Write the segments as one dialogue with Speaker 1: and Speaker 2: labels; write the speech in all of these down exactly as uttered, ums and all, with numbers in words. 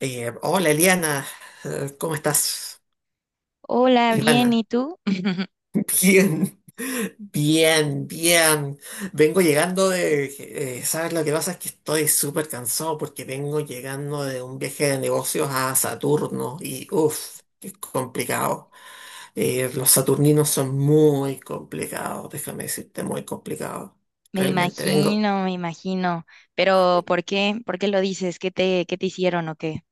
Speaker 1: Eh, hola, Eliana. Eh, ¿cómo estás?
Speaker 2: Hola,
Speaker 1: Ivana,
Speaker 2: bien, ¿y tú?
Speaker 1: bien, bien, bien. Vengo llegando de... eh, ¿sabes lo que pasa? Es que estoy súper cansado porque vengo llegando de un viaje de negocios a Saturno y, uff, qué complicado. Eh, los saturninos son muy complicados, déjame decirte, muy complicados.
Speaker 2: Me
Speaker 1: Realmente vengo.
Speaker 2: imagino, me imagino. Pero ¿por qué? ¿Por qué lo dices? ¿Qué te, qué te hicieron o qué?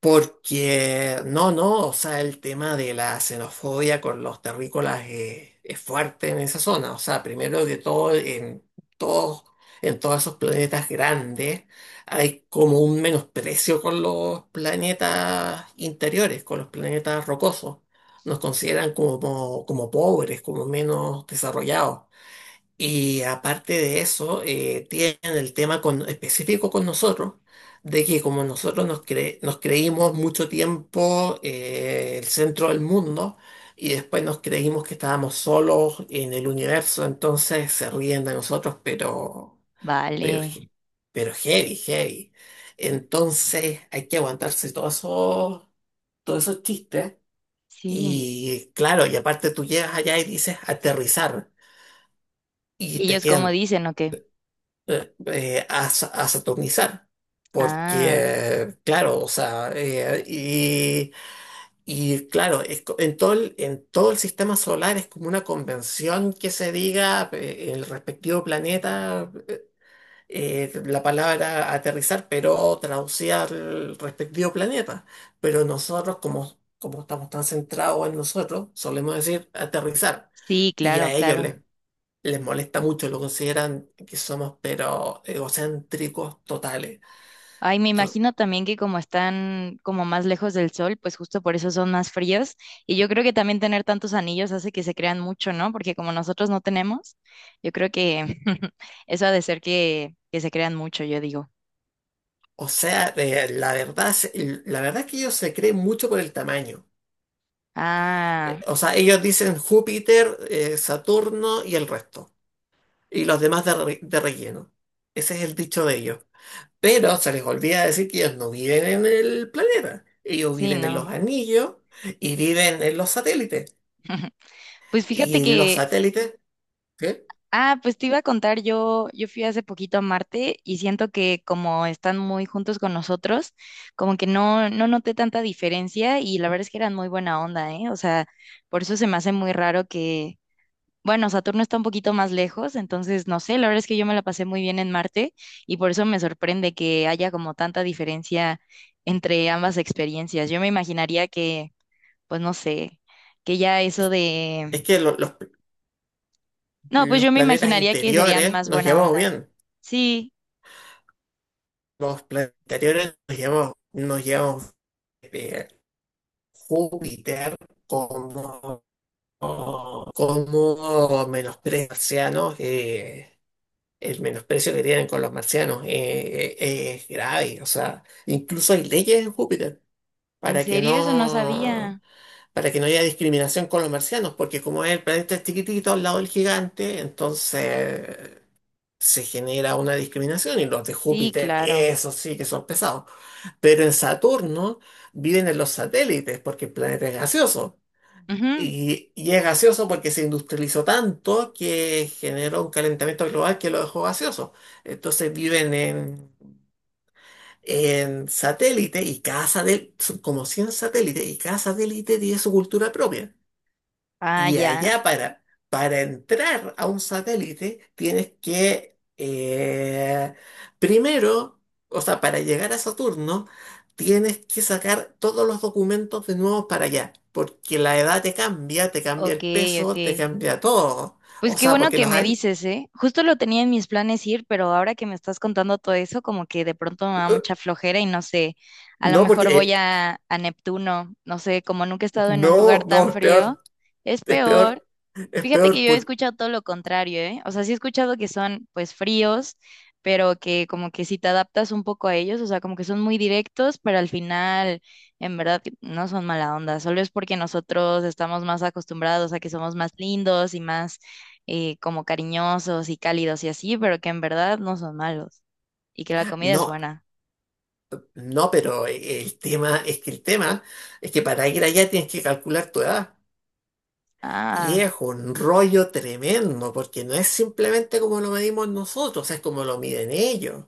Speaker 1: Porque, no, no, o sea, el tema de la xenofobia con los terrícolas eh, es fuerte en esa zona. O sea, primero de todo, en todos, en todos esos planetas grandes hay como un menosprecio con los planetas interiores, con los planetas rocosos. Nos consideran como, como pobres, como menos desarrollados. Y aparte de eso, eh, tienen el tema con- específico con nosotros, de que como nosotros nos, cre- nos creímos mucho tiempo eh, el centro del mundo y después nos creímos que estábamos solos en el universo, entonces se ríen de nosotros, pero, pero,
Speaker 2: Vale,
Speaker 1: he- pero heavy, heavy. Entonces hay que aguantarse todos esos, todos esos chistes.
Speaker 2: sí.
Speaker 1: Y claro, y aparte tú llegas allá y dices aterrizar y
Speaker 2: ¿Y
Speaker 1: te
Speaker 2: ellos cómo
Speaker 1: quedan
Speaker 2: dicen o qué?
Speaker 1: eh, eh, a, sa- a saturnizar.
Speaker 2: Ah,
Speaker 1: Porque, claro, o sea, eh, y, y claro, es co- en todo el, en todo el sistema solar es como una convención que se diga eh, el respectivo planeta, eh, eh, la palabra aterrizar, pero traducida al respectivo planeta. Pero nosotros, como, como estamos tan centrados en nosotros, solemos decir aterrizar.
Speaker 2: sí,
Speaker 1: Y
Speaker 2: claro,
Speaker 1: a ellos
Speaker 2: claro.
Speaker 1: les les molesta mucho, lo consideran que somos pero egocéntricos totales.
Speaker 2: Ay, me
Speaker 1: To-
Speaker 2: imagino también que como están como más lejos del sol, pues justo por eso son más fríos. Y yo creo que también tener tantos anillos hace que se crean mucho, ¿no? Porque como nosotros no tenemos, yo creo que eso ha de ser que, que se crean mucho, yo digo.
Speaker 1: O sea, eh, la verdad, se- la verdad es que ellos se creen mucho por el tamaño. Eh,
Speaker 2: Ah,
Speaker 1: o sea, ellos dicen Júpiter, eh, Saturno y el resto. Y los demás de, re- de relleno. Ese es el dicho de ellos. Pero se les olvida decir que ellos no viven en el planeta. Ellos
Speaker 2: sí,
Speaker 1: viven en los
Speaker 2: ¿no?
Speaker 1: anillos y viven en los satélites.
Speaker 2: Pues fíjate
Speaker 1: Y los
Speaker 2: que,
Speaker 1: satélites, ¿qué?
Speaker 2: ah, pues te iba a contar, yo, yo fui hace poquito a Marte y siento que como están muy juntos con nosotros, como que no, no noté tanta diferencia y la verdad es que eran muy buena onda, ¿eh? O sea, por eso se me hace muy raro que, bueno, Saturno está un poquito más lejos, entonces no sé, la verdad es que yo me la pasé muy bien en Marte y por eso me sorprende que haya como tanta diferencia entre ambas experiencias. Yo me imaginaría que, pues no sé, que ya eso
Speaker 1: Es
Speaker 2: de...
Speaker 1: que lo- los
Speaker 2: No, pues
Speaker 1: Los
Speaker 2: yo me
Speaker 1: planetas
Speaker 2: imaginaría que serían
Speaker 1: interiores
Speaker 2: más
Speaker 1: nos
Speaker 2: buena
Speaker 1: llevamos
Speaker 2: onda.
Speaker 1: bien.
Speaker 2: Sí,
Speaker 1: Los planetas interiores nos llevamos, nos llevamos bien. Júpiter como, como menosprecio marciano, eh, el menosprecio que tienen con los marcianos eh, eh, es grave. O sea, incluso hay leyes en Júpiter
Speaker 2: ¿en
Speaker 1: para que
Speaker 2: serio? Eso no
Speaker 1: no,
Speaker 2: sabía.
Speaker 1: para que no haya discriminación con los marcianos, porque como es el planeta chiquitito al lado del gigante, entonces se genera una discriminación y los de
Speaker 2: Sí,
Speaker 1: Júpiter,
Speaker 2: claro.
Speaker 1: esos sí que son pesados. Pero en Saturno viven en los satélites porque el planeta es gaseoso.
Speaker 2: Ujú.
Speaker 1: Y, y es gaseoso porque se industrializó tanto que generó un calentamiento global que lo dejó gaseoso. Entonces viven en, en satélites y cada satélite, son como cien satélites y cada satélite tiene su cultura propia.
Speaker 2: Ah,
Speaker 1: Y
Speaker 2: ya.
Speaker 1: allá para, para entrar a un satélite tienes que, eh, primero, o sea, para llegar a Saturno, tienes que sacar todos los documentos de nuevo para allá, porque la edad te cambia, te cambia
Speaker 2: Ok,
Speaker 1: el
Speaker 2: ok.
Speaker 1: peso, te cambia todo.
Speaker 2: Pues
Speaker 1: O
Speaker 2: qué
Speaker 1: sea,
Speaker 2: bueno
Speaker 1: porque
Speaker 2: que
Speaker 1: los
Speaker 2: me
Speaker 1: hay.
Speaker 2: dices, ¿eh? Justo lo tenía en mis planes ir, pero ahora que me estás contando todo eso, como que de pronto me da mucha flojera y no sé, a lo
Speaker 1: No, porque,
Speaker 2: mejor
Speaker 1: eh,
Speaker 2: voy a, a Neptuno, no sé, como nunca he estado en un lugar
Speaker 1: no, no,
Speaker 2: tan
Speaker 1: es
Speaker 2: frío,
Speaker 1: peor,
Speaker 2: es
Speaker 1: es
Speaker 2: peor.
Speaker 1: peor, es
Speaker 2: Fíjate que
Speaker 1: peor,
Speaker 2: yo he
Speaker 1: porque.
Speaker 2: escuchado todo lo contrario, ¿eh? O sea, sí he escuchado que son pues fríos, pero que como que si te adaptas un poco a ellos, o sea, como que son muy directos, pero al final en verdad que no son mala onda, solo es porque nosotros estamos más acostumbrados a que somos más lindos y más eh, como cariñosos y cálidos y así, pero que en verdad no son malos y que la comida es
Speaker 1: No,
Speaker 2: buena.
Speaker 1: no, pero el tema, es que el tema es que para ir allá tienes que calcular tu edad. Y
Speaker 2: Ah,
Speaker 1: es un rollo tremendo, porque no es simplemente como lo medimos nosotros, es como lo miden ellos.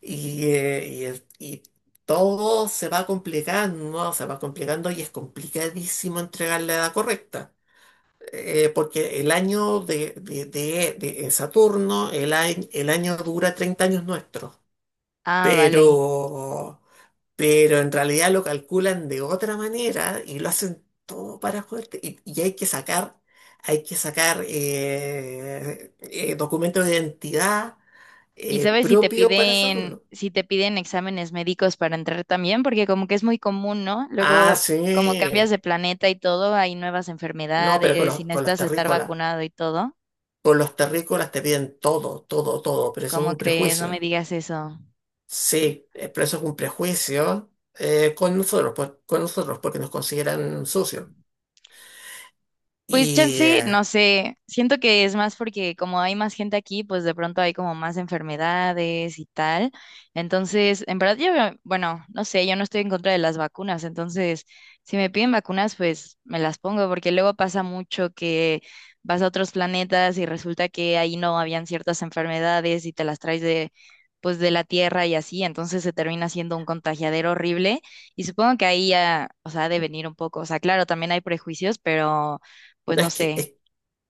Speaker 1: Y, eh, y el- y todo se va complicando, se va complicando y es complicadísimo entregar la edad correcta. Eh, porque el año de, de- de- de- Saturno, el, ai- el año dura treinta años nuestros.
Speaker 2: ah, vale.
Speaker 1: Pero pero en realidad lo calculan de otra manera y lo hacen todo para joderte. Y, y hay que sacar, hay que sacar eh, eh, documentos de identidad
Speaker 2: Y
Speaker 1: eh,
Speaker 2: sabes si te
Speaker 1: propio para
Speaker 2: piden,
Speaker 1: Saturno.
Speaker 2: si te piden exámenes médicos para entrar también, porque como que es muy común, ¿no?
Speaker 1: Ah,
Speaker 2: Luego, como
Speaker 1: sí.
Speaker 2: cambias de planeta y todo, hay nuevas
Speaker 1: No, pero con
Speaker 2: enfermedades y
Speaker 1: los, con los
Speaker 2: necesitas estar
Speaker 1: terrícolas.
Speaker 2: vacunado y todo.
Speaker 1: Con los terrícolas te piden todo, todo, todo, pero eso es
Speaker 2: ¿Cómo
Speaker 1: un
Speaker 2: crees? No me
Speaker 1: prejuicio.
Speaker 2: digas eso.
Speaker 1: Sí, eh, pero eso es un prejuicio eh, con nosotros, pues con nosotros, porque nos consideran sucios.
Speaker 2: Pues
Speaker 1: Y
Speaker 2: chance,
Speaker 1: eh,
Speaker 2: no sé, siento que es más porque como hay más gente aquí, pues de pronto hay como más enfermedades y tal. Entonces, en verdad yo, veo- bueno, no sé, yo no estoy en contra de las vacunas, entonces si me piden vacunas, pues me las pongo, porque luego pasa mucho que vas a otros planetas y resulta que ahí no habían ciertas enfermedades y te las traes de, pues de la Tierra y así, entonces se termina siendo un contagiadero horrible. Y supongo que ahí ya, o sea, ha de venir un poco. O sea, claro, también hay prejuicios, pero pues
Speaker 1: no,
Speaker 2: no
Speaker 1: es que,
Speaker 2: sé.
Speaker 1: es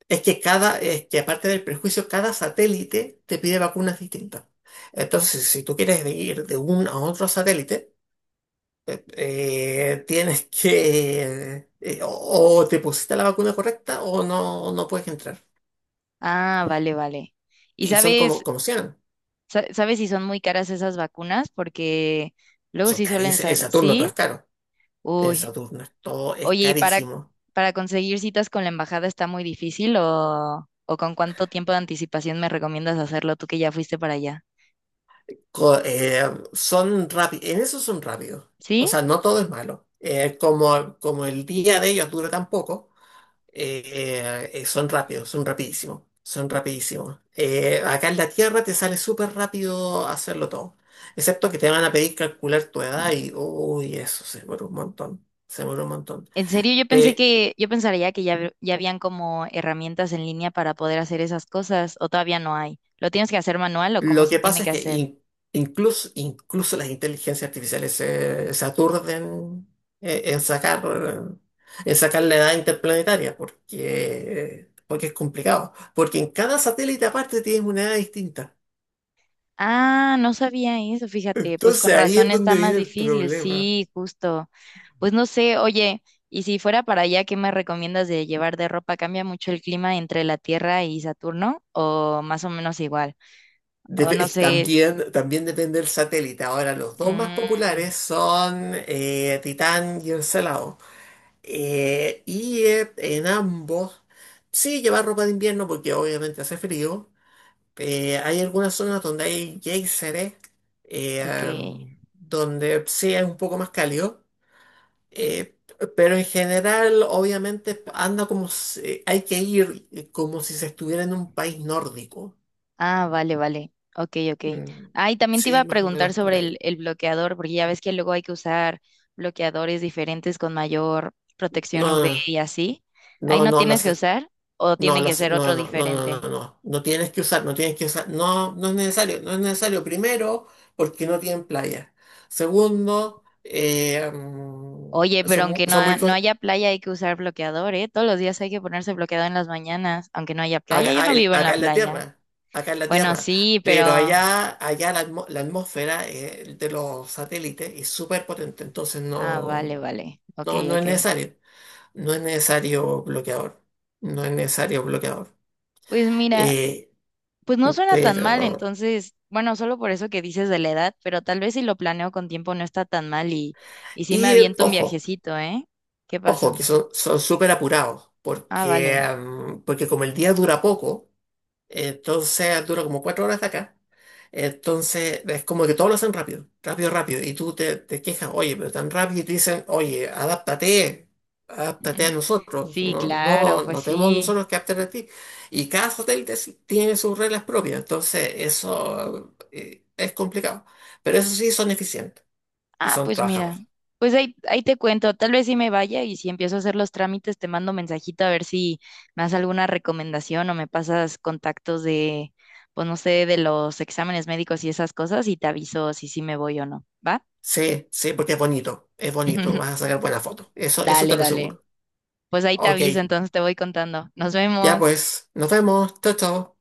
Speaker 1: Es que cada, es que aparte del prejuicio, cada satélite te pide vacunas distintas. Entonces, si tú quieres ir de un a otro satélite, eh, tienes que, eh, o, o te pusiste la vacuna correcta o no, no puedes entrar.
Speaker 2: Ah, vale, vale. ¿Y
Speaker 1: Y son
Speaker 2: sabes,
Speaker 1: como, como sean
Speaker 2: sa- sabes si son muy caras esas vacunas? Porque luego
Speaker 1: Son
Speaker 2: sí suelen
Speaker 1: carísimos. En
Speaker 2: ser,
Speaker 1: Saturno todo
Speaker 2: ¿sí?
Speaker 1: es caro. En
Speaker 2: Uy.
Speaker 1: Saturno es- todo es
Speaker 2: Oye, ¿y para,
Speaker 1: carísimo.
Speaker 2: para conseguir citas con la embajada está muy difícil o, o con cuánto tiempo de anticipación me recomiendas hacerlo tú que ya fuiste para allá?
Speaker 1: Co- eh, Son rápidos. En eso son rápidos. O
Speaker 2: ¿Sí?
Speaker 1: sea, no todo es malo. Eh, como, como el día de ellos dura tan poco. Eh, eh, son rápidos, son rapidísimos, son rapidísimos. Eh, acá en la Tierra te sale súper rápido hacerlo todo, excepto que te van a pedir calcular tu edad y, uy, eso se demora un montón, se demora un montón.
Speaker 2: En serio, yo pensé
Speaker 1: Pe-
Speaker 2: que, yo pensaría que ya, hab- ya habían como herramientas en línea para poder hacer esas cosas, o todavía no hay. ¿Lo tienes que hacer manual o cómo
Speaker 1: lo
Speaker 2: se
Speaker 1: que
Speaker 2: tiene
Speaker 1: pasa
Speaker 2: que
Speaker 1: es que
Speaker 2: hacer?
Speaker 1: in- incluso, incluso las inteligencias artificiales se, se aturden eh, en sacar, en sacar la edad interplanetaria, porque, porque es complicado, porque en cada satélite aparte tienes una edad distinta.
Speaker 2: Ah, no sabía eso, fíjate, pues con
Speaker 1: Entonces ahí es
Speaker 2: razón está
Speaker 1: donde
Speaker 2: más
Speaker 1: viene el
Speaker 2: difícil,
Speaker 1: problema.
Speaker 2: sí, justo. Pues no sé, oye, y si fuera para allá, ¿qué me recomiendas de llevar de ropa? ¿Cambia mucho el clima entre la Tierra y Saturno o más o menos igual? O
Speaker 1: Dep-
Speaker 2: no
Speaker 1: es-
Speaker 2: sé,
Speaker 1: también, también depende del satélite. Ahora, los dos más
Speaker 2: mm,
Speaker 1: populares son eh, Titán y Encelado. Eh, y eh, en ambos, sí, llevar ropa de invierno porque obviamente hace frío. Eh, hay algunas zonas donde hay geyseres,
Speaker 2: ok.
Speaker 1: eh, donde sí es un poco más cálido. Eh, pero en general, obviamente, anda como si- hay que ir como si se estuviera en un país nórdico.
Speaker 2: Ah, vale, vale. Ok, ok.
Speaker 1: Mm,
Speaker 2: Ah, y también te iba
Speaker 1: sí,
Speaker 2: a
Speaker 1: más o
Speaker 2: preguntar
Speaker 1: menos por
Speaker 2: sobre el,
Speaker 1: ahí.
Speaker 2: el bloqueador, porque ya ves que luego hay que usar bloqueadores diferentes con mayor protección U V
Speaker 1: No,
Speaker 2: y así. Ahí
Speaker 1: no,
Speaker 2: no
Speaker 1: no,
Speaker 2: tienes que
Speaker 1: las,
Speaker 2: usar o
Speaker 1: no,
Speaker 2: tienen que
Speaker 1: las,
Speaker 2: ser
Speaker 1: no,
Speaker 2: otro
Speaker 1: no, no, no,
Speaker 2: diferente.
Speaker 1: no, no, no tienes que usar, no tienes que usar, no, no es necesario, no es necesario. Primero, porque no tienen playa. Segundo, eh, mm,
Speaker 2: Oye, pero
Speaker 1: son, mu-
Speaker 2: aunque no,
Speaker 1: son muy,
Speaker 2: ha- no
Speaker 1: con-
Speaker 2: haya playa hay que usar bloqueador, ¿eh? Todos los días hay que ponerse bloqueador en las mañanas, aunque no haya playa. Yo
Speaker 1: acá, a-
Speaker 2: no
Speaker 1: el-
Speaker 2: vivo en la
Speaker 1: acá en la
Speaker 2: playa.
Speaker 1: tierra, acá en la
Speaker 2: Bueno,
Speaker 1: tierra.
Speaker 2: sí,
Speaker 1: Pero
Speaker 2: pero...
Speaker 1: allá, allá la, atmo- la atmósfera eh, de los satélites es súper potente, entonces
Speaker 2: Ah, vale,
Speaker 1: no,
Speaker 2: vale. Ok,
Speaker 1: no, no es
Speaker 2: ok.
Speaker 1: necesario. No es necesario bloqueador. No es necesario bloqueador.
Speaker 2: Pues mira.
Speaker 1: Eh,
Speaker 2: Pues no suena tan mal,
Speaker 1: pero.
Speaker 2: entonces, bueno, solo por eso que dices de la edad, pero tal vez si lo planeo con tiempo no está tan mal y, y sí me
Speaker 1: Y eh,
Speaker 2: aviento un
Speaker 1: ojo,
Speaker 2: viajecito, ¿eh? ¿Qué pasó?
Speaker 1: ojo, que son son súper apurados.
Speaker 2: Ah,
Speaker 1: Porque,
Speaker 2: vale.
Speaker 1: mm, porque como el día dura poco. Entonces dura como cuatro horas de acá. Entonces es como que todo lo hacen rápido, rápido, rápido. Y tú te, te quejas, oye, pero tan rápido. Y te dicen, oye, adáptate, adáptate a nosotros.
Speaker 2: Sí,
Speaker 1: No, no,
Speaker 2: claro, pues
Speaker 1: no tenemos
Speaker 2: sí.
Speaker 1: nosotros que adaptar a ti. Y cada hotel te- tiene sus reglas propias. Entonces eso eh, es complicado. Pero eso sí, son eficientes y
Speaker 2: Ah,
Speaker 1: son
Speaker 2: pues mira,
Speaker 1: trabajadores.
Speaker 2: pues ahí, ahí te cuento, tal vez si me vaya y si empiezo a hacer los trámites te mando mensajito a ver si me das alguna recomendación o me pasas contactos de, pues no sé, de los exámenes médicos y esas cosas y te aviso si sí me voy o no, ¿va?
Speaker 1: Sí, sí, porque es bonito, es bonito. Vas a sacar buenas fotos. Eso, eso te
Speaker 2: Dale,
Speaker 1: lo
Speaker 2: dale.
Speaker 1: aseguro.
Speaker 2: Pues ahí te
Speaker 1: Ok,
Speaker 2: aviso, entonces te voy contando. Nos
Speaker 1: ya
Speaker 2: vemos.
Speaker 1: pues, nos vemos. Chao, chao.